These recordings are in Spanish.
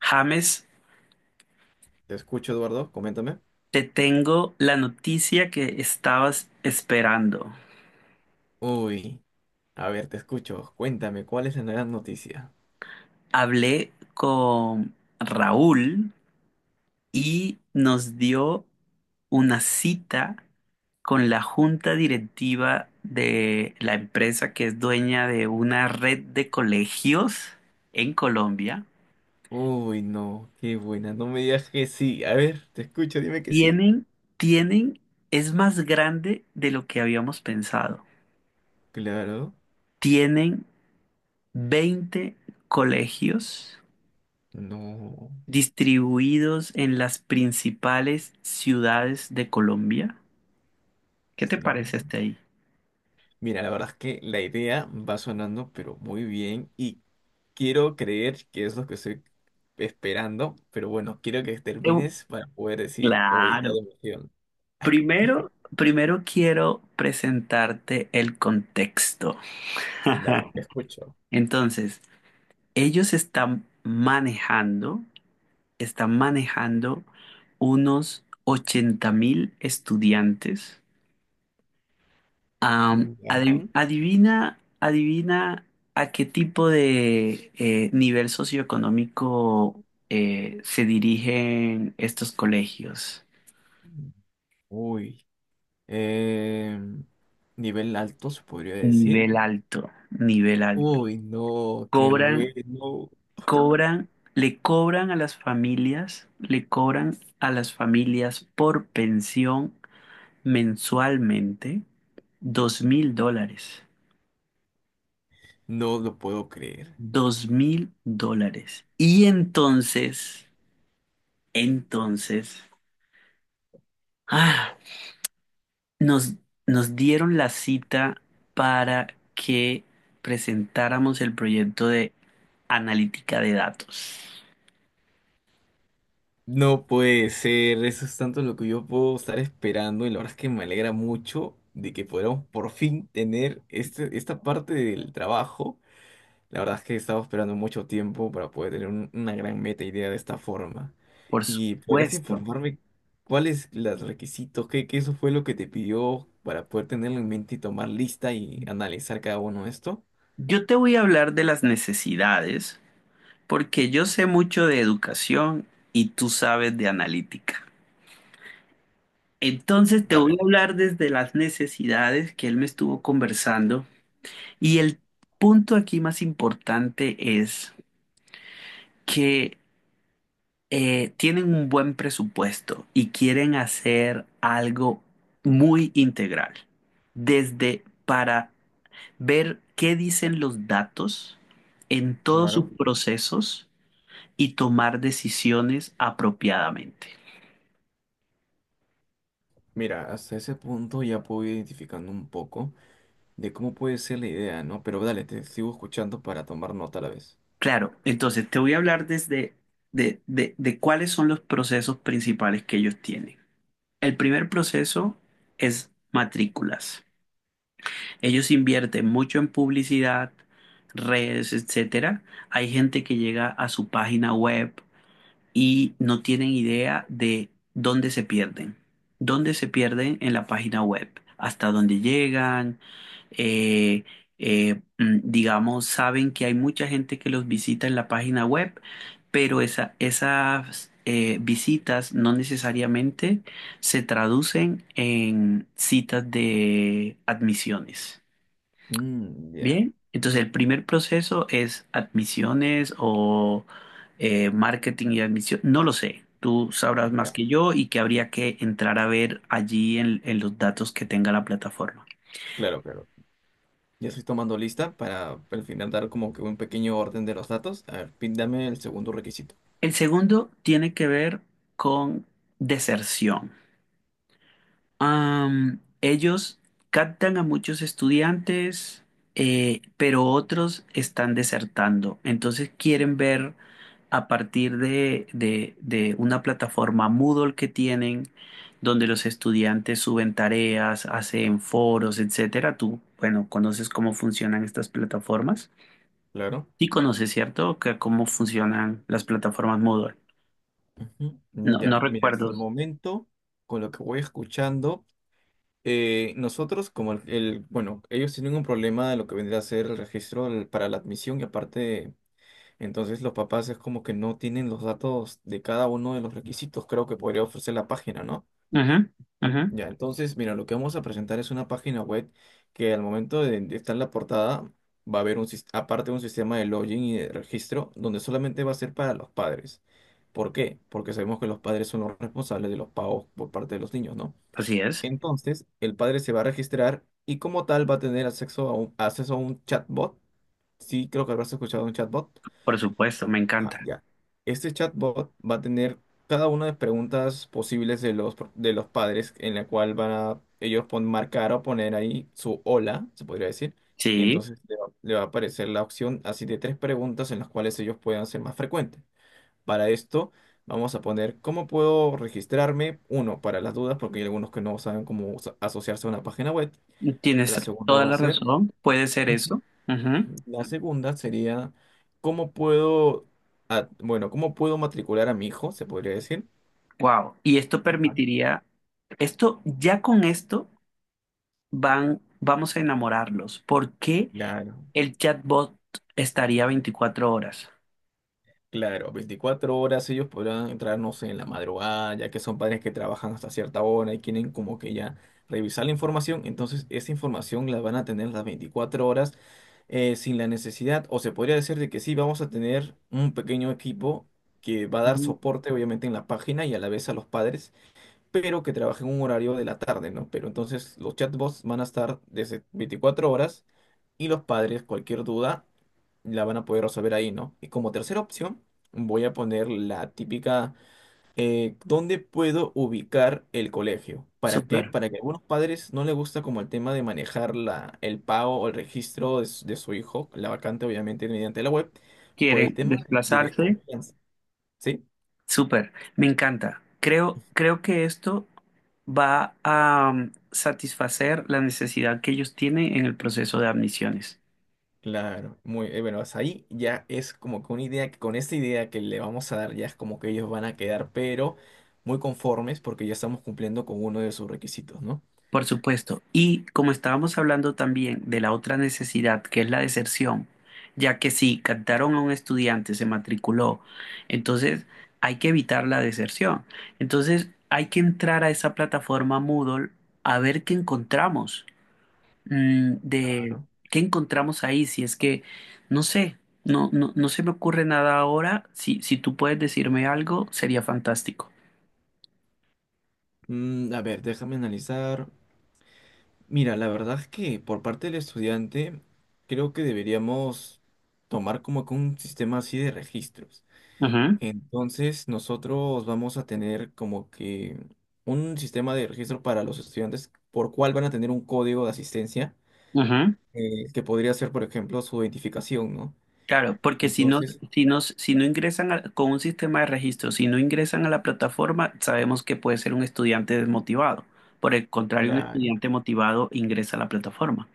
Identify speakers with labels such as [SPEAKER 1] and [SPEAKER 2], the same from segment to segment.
[SPEAKER 1] James,
[SPEAKER 2] Te escucho, Eduardo, coméntame.
[SPEAKER 1] te tengo la noticia que estabas esperando.
[SPEAKER 2] Uy, a ver, te escucho. Cuéntame, ¿cuál es la gran noticia?
[SPEAKER 1] Hablé con Raúl y nos dio una cita con la junta directiva de la empresa que es dueña de una red de colegios en Colombia.
[SPEAKER 2] Uy, no, qué buena. No me digas que sí. A ver, te escucho, dime que sí.
[SPEAKER 1] Tienen, tienen, es más grande de lo que habíamos pensado.
[SPEAKER 2] Claro,
[SPEAKER 1] Tienen 20 colegios
[SPEAKER 2] no,
[SPEAKER 1] distribuidos en las principales ciudades de Colombia. ¿Qué te
[SPEAKER 2] sí.
[SPEAKER 1] parece hasta ahí?
[SPEAKER 2] Mira, la verdad es que la idea va sonando, pero muy bien. Y quiero creer que es lo que estoy esperando. Pero bueno, quiero que
[SPEAKER 1] Eu-
[SPEAKER 2] termines para poder decir o gritar de
[SPEAKER 1] Claro.
[SPEAKER 2] emoción.
[SPEAKER 1] Primero, quiero presentarte el contexto.
[SPEAKER 2] Dale, te escucho.
[SPEAKER 1] Entonces, ellos están manejando unos 80.000 estudiantes.
[SPEAKER 2] Ya.
[SPEAKER 1] Adivina, adivina a qué tipo de nivel socioeconómico se dirigen estos colegios.
[SPEAKER 2] Uy. Eh, Nivel alto, se podría decir.
[SPEAKER 1] Nivel alto, nivel alto.
[SPEAKER 2] Uy, no, qué
[SPEAKER 1] Cobran,
[SPEAKER 2] bueno.
[SPEAKER 1] cobran, le cobran a las familias, le cobran a las familias por pensión mensualmente 2.000 dólares.
[SPEAKER 2] No lo puedo creer.
[SPEAKER 1] 2.000 dólares. Y entonces, Ah, nos, nos dieron la cita para que presentáramos el proyecto de analítica de datos.
[SPEAKER 2] No puede ser, eso es tanto lo que yo puedo estar esperando y la verdad es que me alegra mucho de que podamos por fin tener esta parte del trabajo. La verdad es que he estado esperando mucho tiempo para poder tener una gran meta idea de esta forma.
[SPEAKER 1] Por
[SPEAKER 2] ¿Y podrías
[SPEAKER 1] supuesto.
[SPEAKER 2] informarme cuáles los requisitos, qué eso fue lo que te pidió para poder tenerlo en mente y tomar lista y analizar cada uno de esto?
[SPEAKER 1] Yo te voy a hablar de las necesidades porque yo sé mucho de educación y tú sabes de analítica. Entonces te voy
[SPEAKER 2] Dale.
[SPEAKER 1] a hablar desde las necesidades que él me estuvo conversando y el punto aquí más importante es que tienen un buen presupuesto y quieren hacer algo muy integral, desde para ver qué dicen los datos en todos sus
[SPEAKER 2] Claro.
[SPEAKER 1] procesos y tomar decisiones apropiadamente.
[SPEAKER 2] Mira, hasta ese punto ya puedo ir identificando un poco de cómo puede ser la idea, ¿no? Pero dale, te sigo escuchando para tomar nota a la vez.
[SPEAKER 1] Claro, entonces te voy a hablar de cuáles son los procesos principales que ellos tienen. El primer proceso es matrículas. Ellos invierten mucho en publicidad, redes, etcétera. Hay gente que llega a su página web y no tienen idea de dónde se pierden en la página web, hasta dónde llegan. eh, digamos, saben que hay mucha gente que los visita en la página web, pero esas visitas no necesariamente se traducen en citas de admisiones.
[SPEAKER 2] Mm, ya,
[SPEAKER 1] Bien, entonces el primer proceso es admisiones o marketing y admisión, no lo sé, tú sabrás más
[SPEAKER 2] ya.
[SPEAKER 1] que yo y que habría que entrar a ver allí en los datos que tenga la plataforma.
[SPEAKER 2] Claro, claro. Ya estoy tomando lista para al final dar como que un pequeño orden de los datos. A ver, dame el segundo requisito.
[SPEAKER 1] El segundo tiene que ver con deserción. Ellos captan a muchos estudiantes, pero otros están desertando. Entonces quieren ver a partir de una plataforma Moodle que tienen, donde los estudiantes suben tareas, hacen foros, etcétera. Tú, bueno, conoces cómo funcionan estas plataformas.
[SPEAKER 2] Claro.
[SPEAKER 1] Sí conoces, ¿cierto? Que cómo funcionan las plataformas Moodle.
[SPEAKER 2] Ujú. Mm,
[SPEAKER 1] No, no
[SPEAKER 2] ya, mira, hasta
[SPEAKER 1] recuerdo.
[SPEAKER 2] el momento, con lo que voy escuchando, nosotros como bueno, ellos tienen un problema de lo que vendría a ser el para la admisión y aparte, entonces los papás es como que no tienen los datos de cada uno de los requisitos, creo que podría ofrecer la página, ¿no?
[SPEAKER 1] Ujú, ujú.
[SPEAKER 2] Ya, entonces, mira, lo que vamos a presentar es una página web que al momento de estar en la portada va a haber aparte un sistema de login y de registro donde solamente va a ser para los padres. ¿Por qué? Porque sabemos que los padres son los responsables de los pagos por parte de los niños, ¿no?
[SPEAKER 1] Así es,
[SPEAKER 2] Entonces, el padre se va a registrar y como tal va a tener acceso a acceso a un chatbot. Sí, creo que habrás escuchado de un chatbot.
[SPEAKER 1] por supuesto, me
[SPEAKER 2] Ah,
[SPEAKER 1] encanta.
[SPEAKER 2] ya. Este chatbot va a tener cada una de las preguntas posibles de de los padres en la cual van a marcar o poner ahí su hola, se podría decir, y
[SPEAKER 1] Sí,
[SPEAKER 2] entonces le va a aparecer la opción así de tres preguntas en las cuales ellos puedan ser más frecuentes. Para esto vamos a poner cómo puedo registrarme, uno, para las dudas, porque hay algunos que no saben asociarse a una página web. La
[SPEAKER 1] tienes
[SPEAKER 2] segunda
[SPEAKER 1] toda
[SPEAKER 2] va a
[SPEAKER 1] la
[SPEAKER 2] ser...
[SPEAKER 1] razón, puede ser eso.
[SPEAKER 2] La segunda sería, ¿cómo puedo, ah, bueno, ¿cómo puedo matricular a mi hijo, se podría decir?
[SPEAKER 1] Wow. Y esto
[SPEAKER 2] Ajá.
[SPEAKER 1] permitiría, esto ya con esto vamos a enamorarlos. ¿Por qué
[SPEAKER 2] Claro,
[SPEAKER 1] el chatbot estaría 24 horas?
[SPEAKER 2] claro, 24 horas ellos podrán entrar, no sé, en la madrugada, ya que son padres que trabajan hasta cierta hora y quieren como que ya revisar la información, entonces esa información la van a tener las 24 horas sin la necesidad, o se podría decir de que sí, vamos a tener un pequeño equipo que va a dar
[SPEAKER 1] Mm.
[SPEAKER 2] soporte obviamente en la página y a la vez a los padres pero que trabaje en un horario de la tarde, ¿no? Pero entonces los chatbots van a estar desde 24 horas y los padres, cualquier duda, la van a poder resolver ahí, ¿no? Y como tercera opción, voy a poner la típica, ¿dónde puedo ubicar el colegio? ¿Para qué?
[SPEAKER 1] Súper.
[SPEAKER 2] Para que a algunos padres no les gusta como el tema de manejar el pago o el registro de su hijo, la vacante obviamente mediante la web, por el
[SPEAKER 1] Quieren
[SPEAKER 2] tema de
[SPEAKER 1] desplazarse.
[SPEAKER 2] desconfianza, ¿sí?
[SPEAKER 1] Súper. Me encanta. Creo, que esto va a satisfacer la necesidad que ellos tienen en el proceso de admisiones.
[SPEAKER 2] Claro, muy bueno, hasta ahí ya es como que una idea, que con esta idea que le vamos a dar ya es como que ellos van a quedar, pero muy conformes porque ya estamos cumpliendo con uno de sus requisitos, ¿no?
[SPEAKER 1] Por supuesto. Y como estábamos hablando también de la otra necesidad, que es la deserción, ya que si captaron a un estudiante, se matriculó, entonces hay que evitar la deserción. Entonces hay que entrar a esa plataforma Moodle a ver qué encontramos, de
[SPEAKER 2] Claro.
[SPEAKER 1] qué encontramos ahí, si es que, no sé, no, no, no se me ocurre nada ahora. Si tú puedes decirme algo, sería fantástico.
[SPEAKER 2] Mm, a ver, déjame analizar. Mira, la verdad es que por parte del estudiante creo que deberíamos tomar como que un sistema así de registros.
[SPEAKER 1] Ujú,
[SPEAKER 2] Entonces nosotros vamos a tener como que un sistema de registro para los estudiantes por cual van a tener un código de asistencia
[SPEAKER 1] ujú.
[SPEAKER 2] que podría ser, por ejemplo, su identificación, ¿no?
[SPEAKER 1] Claro, porque
[SPEAKER 2] Entonces,
[SPEAKER 1] si no, si no ingresan a- con un sistema de registro, si no ingresan a la plataforma, sabemos que puede ser un estudiante desmotivado. Por el contrario, un
[SPEAKER 2] claro,
[SPEAKER 1] estudiante motivado ingresa a la plataforma.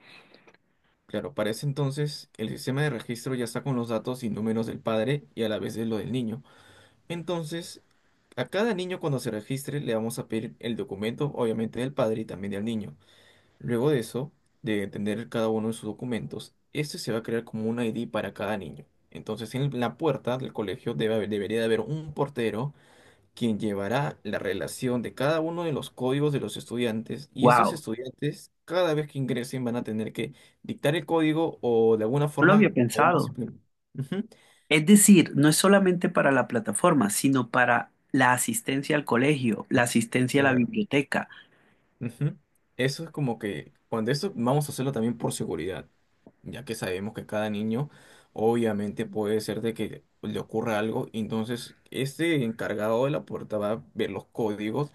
[SPEAKER 2] claro, para ese entonces el sistema de registro ya está con los datos y números del padre y a la vez de lo del niño. Entonces, a cada niño cuando se registre le vamos a pedir el documento, obviamente del padre y también del niño. Luego de eso, de tener cada uno de sus documentos, este se va a crear como un ID para cada niño. Entonces, en la puerta del colegio debería de haber un portero quien llevará la relación de cada uno de los códigos de los estudiantes y estos
[SPEAKER 1] Wow,
[SPEAKER 2] estudiantes cada vez que ingresen van a tener que dictar el código o de alguna
[SPEAKER 1] no lo
[SPEAKER 2] forma
[SPEAKER 1] había
[SPEAKER 2] podemos
[SPEAKER 1] pensado.
[SPEAKER 2] implemen- Ujú,
[SPEAKER 1] Es decir, no es solamente para la plataforma, sino para la asistencia al colegio, la asistencia a la
[SPEAKER 2] claro,
[SPEAKER 1] biblioteca,
[SPEAKER 2] ujú. Eso es como que cuando esto vamos a hacerlo también por seguridad, ya que sabemos que cada niño obviamente puede ser de que le ocurra algo, entonces este encargado de la puerta va a ver los códigos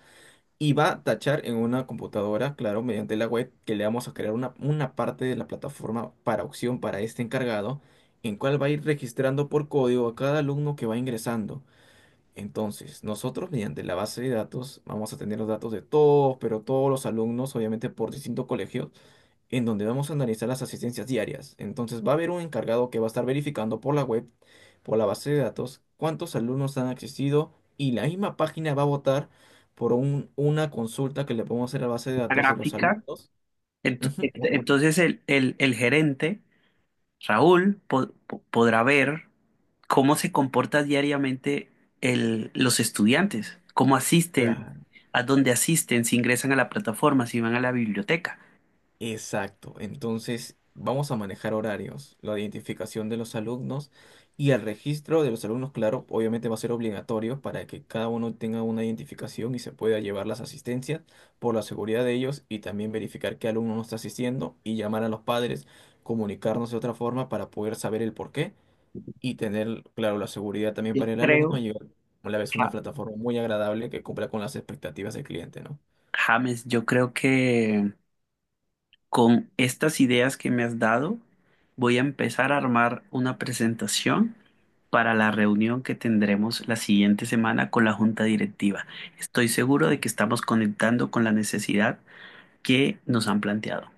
[SPEAKER 2] y va a tachar en una computadora, claro, mediante la web, que le vamos a crear una parte de la plataforma para opción para este encargado, en cual va a ir registrando por código a cada alumno que va ingresando. Entonces, nosotros mediante la base de datos vamos a tener los datos de todos, pero todos los alumnos, obviamente por distintos colegios, en donde vamos a analizar las asistencias diarias. Entonces va a haber un encargado que va a estar verificando por la web, por la base de datos, cuántos alumnos han asistido y la misma página va a votar por una consulta que le podemos hacer a la base de
[SPEAKER 1] la
[SPEAKER 2] datos de los
[SPEAKER 1] gráfica.
[SPEAKER 2] alumnos.
[SPEAKER 1] Ent-
[SPEAKER 2] Ujú,
[SPEAKER 1] ent-
[SPEAKER 2] bueno,
[SPEAKER 1] Entonces el gerente Raúl podrá ver cómo se comporta diariamente los estudiantes, cómo asisten,
[SPEAKER 2] claro.
[SPEAKER 1] a dónde asisten, si ingresan a la plataforma, si van a la biblioteca.
[SPEAKER 2] Exacto. Entonces, vamos a manejar horarios, la identificación de los alumnos y el registro de los alumnos, claro, obviamente va a ser obligatorio para que cada uno tenga una identificación y se pueda llevar las asistencias por la seguridad de ellos y también verificar qué alumno no está asistiendo y llamar a los padres, comunicarnos de otra forma para poder saber el por qué y tener, claro, la seguridad también
[SPEAKER 1] Yo
[SPEAKER 2] para el alumno
[SPEAKER 1] creo,
[SPEAKER 2] y a la vez una
[SPEAKER 1] Ja-
[SPEAKER 2] plataforma muy agradable que cumpla con las expectativas del cliente, ¿no?
[SPEAKER 1] James, yo creo que con estas ideas que me has dado, voy a empezar a armar una presentación para la reunión que tendremos la siguiente semana con la junta directiva. Estoy seguro de que estamos conectando con la necesidad que nos han planteado.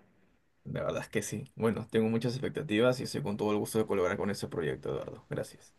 [SPEAKER 2] La verdad es que sí. Bueno, tengo muchas expectativas y estoy con todo el gusto de colaborar con este proyecto, Eduardo. Gracias.